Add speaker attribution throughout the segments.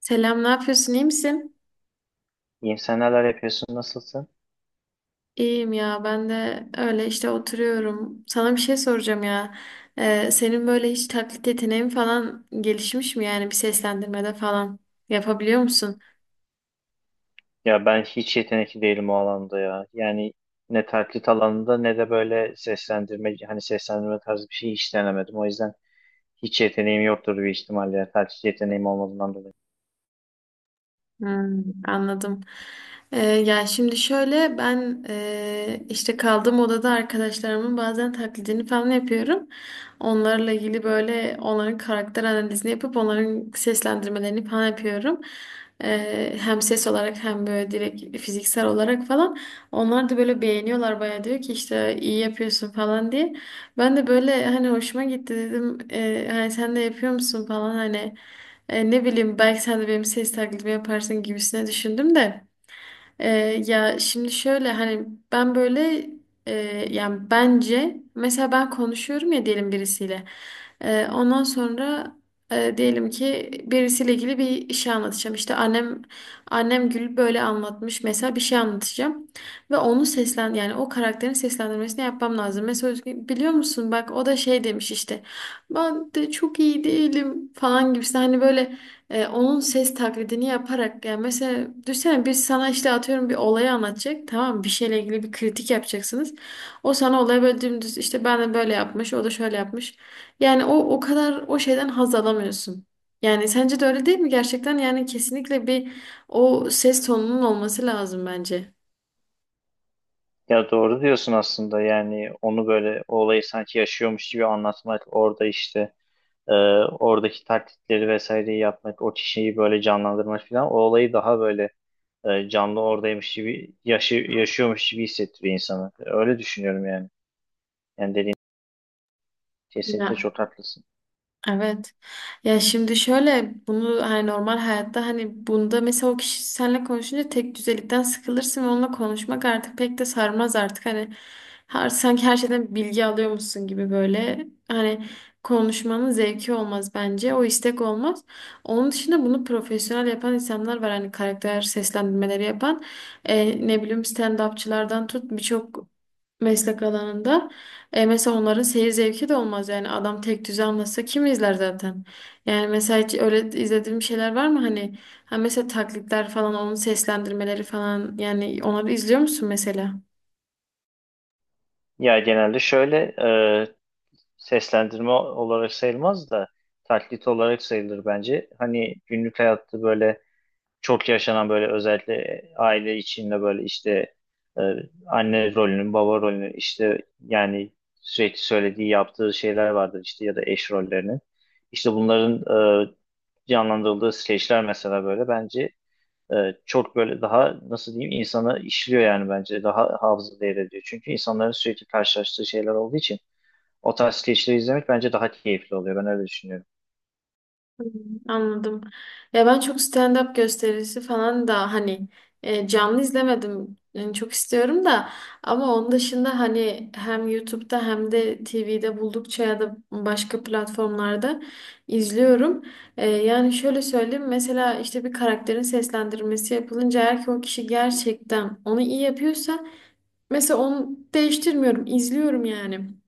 Speaker 1: Selam, ne yapıyorsun? İyi misin?
Speaker 2: İyiyim, sen neler yapıyorsun, nasılsın?
Speaker 1: İyiyim ya, ben de öyle işte oturuyorum. Sana bir şey soracağım ya. Senin böyle hiç taklit yeteneğin falan gelişmiş mi yani bir seslendirmede falan yapabiliyor musun?
Speaker 2: Ya ben hiç yetenekli değilim o alanda ya. Yani ne taklit alanında ne de böyle seslendirme, hani seslendirme tarzı bir şey hiç denemedim. O yüzden hiç yeteneğim yoktur bir ihtimalle. Ya, taklit yeteneğim olmadığından dolayı.
Speaker 1: Hmm, anladım. Ya şimdi şöyle ben işte kaldığım odada arkadaşlarımın bazen taklidini falan yapıyorum. Onlarla ilgili böyle onların karakter analizini yapıp onların seslendirmelerini falan yapıyorum. Hem ses olarak hem böyle direkt fiziksel olarak falan. Onlar da böyle beğeniyorlar bayağı, diyor ki işte iyi yapıyorsun falan diye. Ben de böyle hani hoşuma gitti dedim. Hani sen de yapıyor musun falan hani. Ne bileyim belki sen de benim ses taklidimi yaparsın gibisine düşündüm de. E, Ya şimdi şöyle hani ben böyle e, yani bence mesela ben konuşuyorum ya, diyelim birisiyle. Ondan sonra diyelim ki birisiyle ilgili bir şey anlatacağım. İşte annem Gül böyle anlatmış, mesela bir şey anlatacağım. Ve onu seslen yani o karakterin seslendirmesini yapmam lazım. Mesela Özgün, biliyor musun bak, o da şey demiş işte ben de çok iyi değilim falan gibisi, hani böyle onun ses taklidini yaparak. Yani mesela düşünsene biz sana işte atıyorum bir olayı anlatacak, tamam mı? Bir şeyle ilgili bir kritik yapacaksınız. O sana olayı böyle dümdüz işte ben de böyle yapmış, o da şöyle yapmış. Yani o kadar o şeyden haz alamıyorsun. Yani sence de öyle değil mi? Gerçekten yani kesinlikle bir o ses tonunun olması lazım bence.
Speaker 2: Ya doğru diyorsun aslında, yani onu böyle o olayı sanki yaşıyormuş gibi anlatmak, orada işte e, oradaki taklitleri vesaireyi yapmak, o kişiyi böyle canlandırmak falan o olayı daha böyle canlı oradaymış gibi, yaşıyormuş gibi hissettiriyor insanı. Öyle düşünüyorum yani. Yani dediğin, kesinlikle
Speaker 1: Ya
Speaker 2: çok haklısın.
Speaker 1: evet. Ya şimdi şöyle, bunu hani normal hayatta hani bunda mesela o kişi seninle konuşunca tek düzelikten sıkılırsın ve onunla konuşmak artık pek de sarmaz artık, hani her, sanki her şeyden bilgi alıyormuşsun gibi böyle, hani konuşmanın zevki olmaz bence, o istek olmaz. Onun dışında bunu profesyonel yapan insanlar var, hani karakter seslendirmeleri yapan. Ne bileyim stand-upçılardan tut birçok meslek alanında. E mesela onların seyir zevki de olmaz, yani adam tek düze anlatsa kim izler zaten. Yani mesela hiç öyle izlediğim şeyler var mı hani, ha mesela taklitler falan, onun seslendirmeleri falan, yani onları izliyor musun mesela?
Speaker 2: Ya genelde şöyle seslendirme olarak sayılmaz da taklit olarak sayılır bence. Hani günlük hayatta böyle çok yaşanan, böyle özellikle aile içinde böyle işte, e, anne rolünün, baba rolünün, işte yani sürekli söylediği, yaptığı şeyler vardır, işte ya da eş rollerinin. İşte bunların e, canlandırıldığı skeçler mesela böyle bence e, çok böyle, daha nasıl diyeyim, insana işliyor yani, bence daha hafıza değer ediyor. Çünkü insanların sürekli karşılaştığı şeyler olduğu için o tarz skeçleri izlemek bence daha keyifli oluyor. Ben öyle düşünüyorum.
Speaker 1: Hmm, anladım. Ya ben çok stand-up gösterisi falan da hani canlı izlemedim. Yani çok istiyorum da, ama onun dışında hani hem YouTube'da hem de TV'de buldukça ya da başka platformlarda izliyorum. Yani şöyle söyleyeyim, mesela işte bir karakterin seslendirmesi yapılınca, eğer ki o kişi gerçekten onu iyi yapıyorsa mesela onu değiştirmiyorum, izliyorum yani.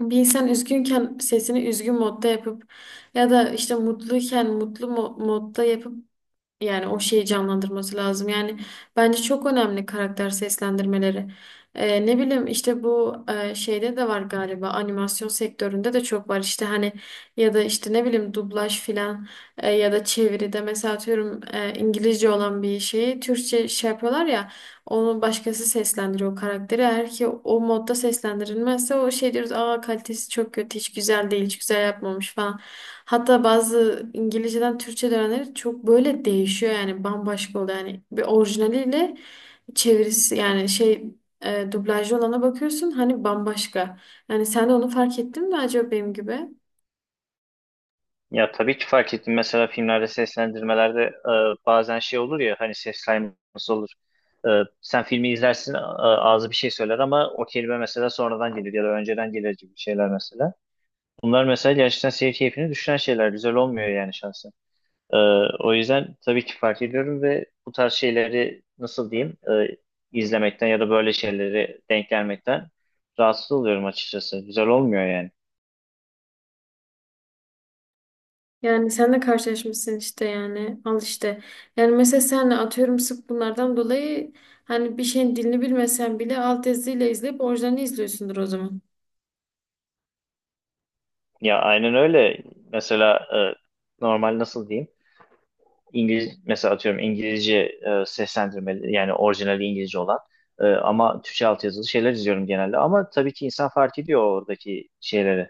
Speaker 1: Bir insan üzgünken sesini üzgün modda yapıp ya da işte mutluyken mutlu modda yapıp, yani o şeyi canlandırması lazım. Yani bence çok önemli karakter seslendirmeleri. Ne bileyim işte bu şeyde de var galiba, animasyon sektöründe de çok var işte, hani ya da işte ne bileyim dublaj filan, ya da çeviride mesela atıyorum İngilizce olan bir şeyi Türkçe şey yapıyorlar ya, onu başkası seslendiriyor o karakteri. Eğer ki o modda seslendirilmezse o şey diyoruz, aa kalitesi çok kötü, hiç güzel değil, hiç güzel yapmamış falan. Hatta bazı İngilizceden Türkçe dönenleri çok böyle değişiyor, yani bambaşka oluyor. Yani bir orijinaliyle çevirisi yani şey, dublajlı olana bakıyorsun, hani bambaşka. Yani sen de onu fark ettin mi acaba benim gibi?
Speaker 2: Ya tabii ki fark ettim. Mesela filmlerde, seslendirmelerde bazen şey olur ya, hani ses kayması olur. E, Sen filmi izlersin, ağzı bir şey söyler ama o kelime mesela sonradan gelir ya da önceden gelir gibi şeyler mesela. Bunlar mesela gerçekten seyir keyfini düşüren şeyler. Güzel olmuyor yani şahsen. Ee, O yüzden tabii ki fark ediyorum ve bu tarz şeyleri, nasıl diyeyim, izlemekten ya da böyle şeyleri denk gelmekten rahatsız oluyorum açıkçası. Güzel olmuyor yani.
Speaker 1: Yani sen de karşılaşmışsın işte, yani al işte. Yani mesela senle atıyorum sık bunlardan dolayı hani bir şeyin dilini bilmesen bile alt yazıyla izleyip orijinalini izliyorsundur o zaman.
Speaker 2: Ya aynen öyle. Mesela normal, nasıl diyeyim? İngiliz, mesela atıyorum, İngilizce seslendirmeli, yani orijinali İngilizce olan ama Türkçe altyazılı şeyler izliyorum genelde, ama tabii ki insan fark ediyor oradaki şeyleri.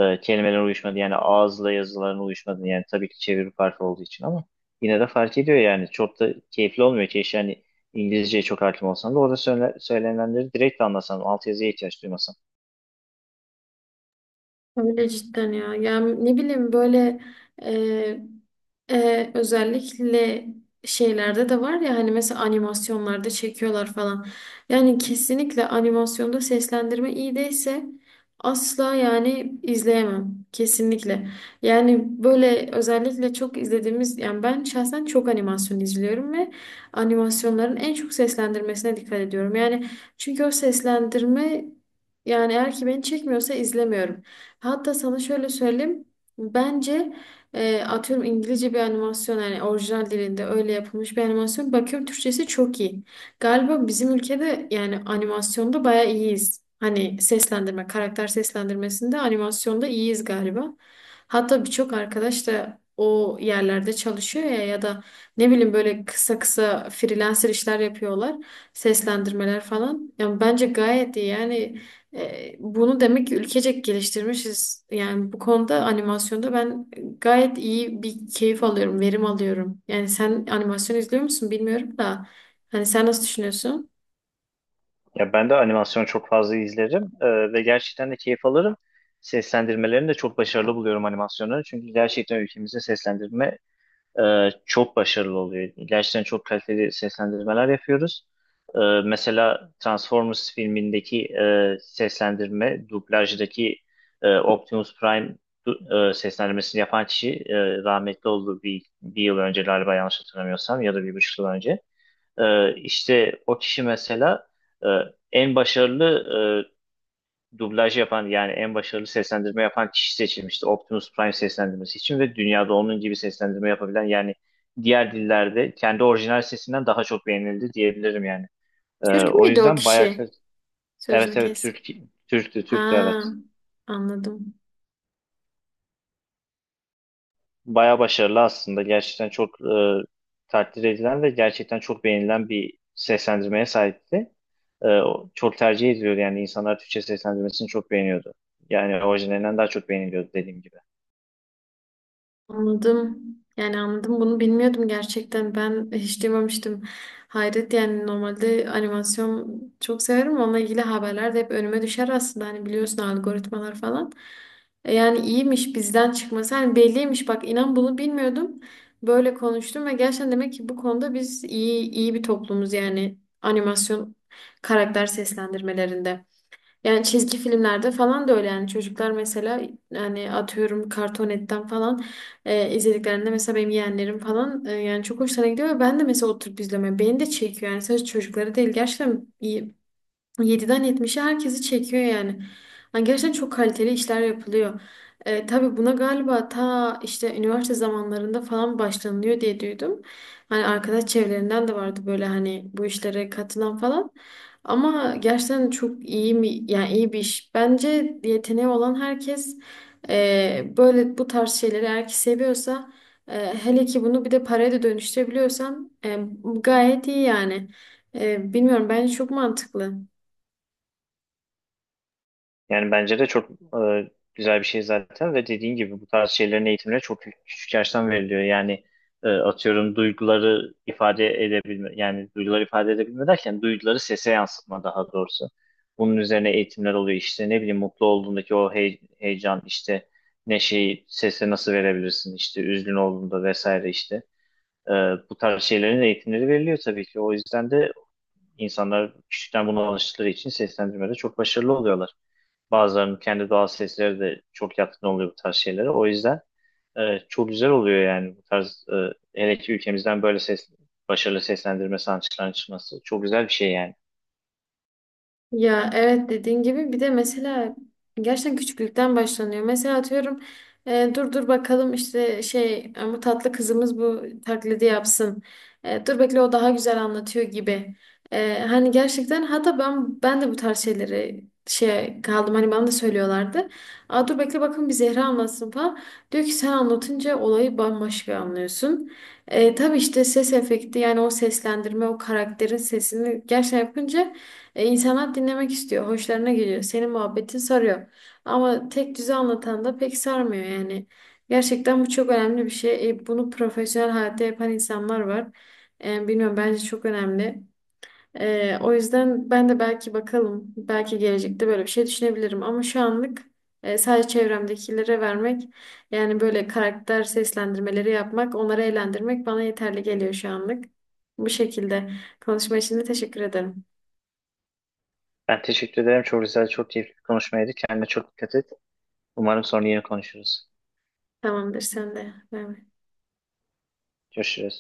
Speaker 2: Kelimelerin uyuşmadı yani, ağızla yazıların uyuşmadı, yani tabii ki çeviri farkı olduğu için, ama yine de fark ediyor yani, çok da keyifli olmuyor ki yani, İngilizceye çok hakim olsan da orada söylenenleri direkt anlasan, altyazıya ihtiyaç duymasan.
Speaker 1: Öyle cidden ya. Yani ne bileyim böyle e, özellikle şeylerde de var ya, hani mesela animasyonlarda çekiyorlar falan. Yani kesinlikle animasyonda seslendirme iyi değilse asla yani izleyemem. Kesinlikle. Yani böyle özellikle çok izlediğimiz, yani ben şahsen çok animasyon izliyorum ve animasyonların en çok seslendirmesine dikkat ediyorum. Yani çünkü o seslendirme, yani eğer ki beni çekmiyorsa izlemiyorum. Hatta sana şöyle söyleyeyim. Bence atıyorum İngilizce bir animasyon, yani orijinal dilinde öyle yapılmış bir animasyon. Bakıyorum Türkçesi çok iyi. Galiba bizim ülkede yani animasyonda bayağı iyiyiz. Hani seslendirme, karakter seslendirmesinde animasyonda iyiyiz galiba. Hatta birçok arkadaş da o yerlerde çalışıyor ya, ya da ne bileyim böyle kısa kısa freelancer işler yapıyorlar. Seslendirmeler falan. Yani bence gayet iyi yani, bunu demek ki ülkecek geliştirmişiz. Yani bu konuda animasyonda ben gayet iyi bir keyif alıyorum, verim alıyorum. Yani sen animasyon izliyor musun bilmiyorum da. Hani sen nasıl düşünüyorsun?
Speaker 2: Ya ben de animasyon çok fazla izlerim ve gerçekten de keyif alırım. Seslendirmelerini de çok başarılı buluyorum animasyonları. Çünkü gerçekten ülkemizde seslendirme çok başarılı oluyor. Gerçekten çok kaliteli seslendirmeler yapıyoruz. E, Mesela Transformers filmindeki seslendirme, dublajdaki Optimus Prime seslendirmesini yapan kişi rahmetli oldu bir yıl önce galiba, yanlış hatırlamıyorsam, ya da bir buçuk yıl önce. İşte o kişi mesela e, en başarılı dublaj yapan, yani en başarılı seslendirme yapan kişi seçilmişti Optimus Prime seslendirmesi için, ve dünyada onun gibi seslendirme yapabilen, yani diğer dillerde kendi orijinal sesinden daha çok beğenildi diyebilirim yani.
Speaker 1: Türk
Speaker 2: O
Speaker 1: müydü o
Speaker 2: yüzden bayağı
Speaker 1: kişi?
Speaker 2: evet,
Speaker 1: Sözünü
Speaker 2: evet,
Speaker 1: kes.
Speaker 2: Türk,
Speaker 1: Ha,
Speaker 2: Türktü, evet.
Speaker 1: anladım.
Speaker 2: Baya başarılı aslında. Gerçekten çok takdir edilen ve gerçekten çok beğenilen bir seslendirmeye sahipti. O çok tercih ediliyordu, yani insanlar Türkçe seslendirmesini çok beğeniyordu. Yani orijinalinden daha çok beğeniliyordu, dediğim gibi.
Speaker 1: Anladım. Yani anladım, bunu bilmiyordum gerçekten. Ben hiç duymamıştım. Hayret yani, normalde animasyon çok severim. Onunla ilgili haberler de hep önüme düşer aslında. Hani biliyorsun algoritmalar falan. Yani iyiymiş bizden çıkması. Hani belliymiş bak, inan bunu bilmiyordum. Böyle konuştum ve gerçekten demek ki bu konuda biz iyi, iyi bir toplumuz yani, animasyon karakter seslendirmelerinde. Yani çizgi filmlerde falan da öyle, yani çocuklar mesela, yani atıyorum Kartonet'ten falan izlediklerinde mesela, benim yeğenlerim falan, yani çok hoşlarına gidiyor ve ben de mesela oturup izlemeye. Yani beni de çekiyor, yani sadece çocukları değil, gerçekten iyi. Yediden yetmişe herkesi çekiyor yani. Yani gerçekten çok kaliteli işler yapılıyor. Tabii buna galiba ta işte üniversite zamanlarında falan başlanılıyor diye duydum. Hani arkadaş çevrelerinden de vardı böyle hani bu işlere katılan falan. Ama gerçekten çok iyi mi, yani iyi bir iş. Bence yeteneği olan herkes böyle bu tarz şeyleri eğer ki seviyorsa, hele ki bunu bir de paraya da dönüştürebiliyorsan gayet iyi yani. Bilmiyorum, bence çok mantıklı.
Speaker 2: Yani bence de çok güzel bir şey zaten, ve dediğin gibi bu tarz şeylerin eğitimine çok küçük yaştan veriliyor. Yani atıyorum duyguları ifade edebilme, yani duyguları ifade edebilme derken duyguları sese yansıtma daha doğrusu. Bunun üzerine eğitimler oluyor, işte ne bileyim, mutlu olduğundaki o heyecan, işte neşeyi sese nasıl verebilirsin, işte üzgün olduğunda vesaire işte. E, Bu tarz şeylerin eğitimleri veriliyor tabii ki. O yüzden de insanlar küçükten buna alıştıkları için seslendirmede çok başarılı oluyorlar. Bazılarının kendi doğal sesleri de çok yatkın oluyor bu tarz şeylere. O yüzden çok güzel oluyor yani, bu tarz hele ki ülkemizden böyle başarılı seslendirme sanatçılarının çıkması çok güzel bir şey yani.
Speaker 1: Ya evet, dediğin gibi bir de mesela gerçekten küçüklükten başlanıyor. Mesela atıyorum dur dur bakalım işte şey, bu tatlı kızımız bu taklidi yapsın. Dur bekle, o daha güzel anlatıyor gibi. Hani gerçekten, hatta ben de bu tarz şeyleri şey kaldım, hani bana da söylüyorlardı. Aa, dur bekle bakın, bir Zehra anlatsın falan. Diyor ki sen anlatınca olayı bambaşka anlıyorsun. Tabii işte ses efekti, yani o seslendirme, o karakterin sesini gerçekten yapınca insanlar dinlemek istiyor, hoşlarına geliyor, senin muhabbetin sarıyor. Ama tek düze anlatan da pek sarmıyor yani. Gerçekten bu çok önemli bir şey. Bunu profesyonel hayatta yapan insanlar var. Bilmiyorum bence çok önemli. O yüzden ben de belki bakalım, belki gelecekte böyle bir şey düşünebilirim. Ama şu anlık sadece çevremdekilere vermek, yani böyle karakter seslendirmeleri yapmak, onları eğlendirmek bana yeterli geliyor şu anlık. Bu şekilde konuşma için de teşekkür ederim.
Speaker 2: Ben teşekkür ederim. Çok güzel, çok keyifli bir konuşmaydı. Kendine çok dikkat et. Umarım sonra yine konuşuruz.
Speaker 1: Tamamdır sen de. Bay bay.
Speaker 2: Görüşürüz.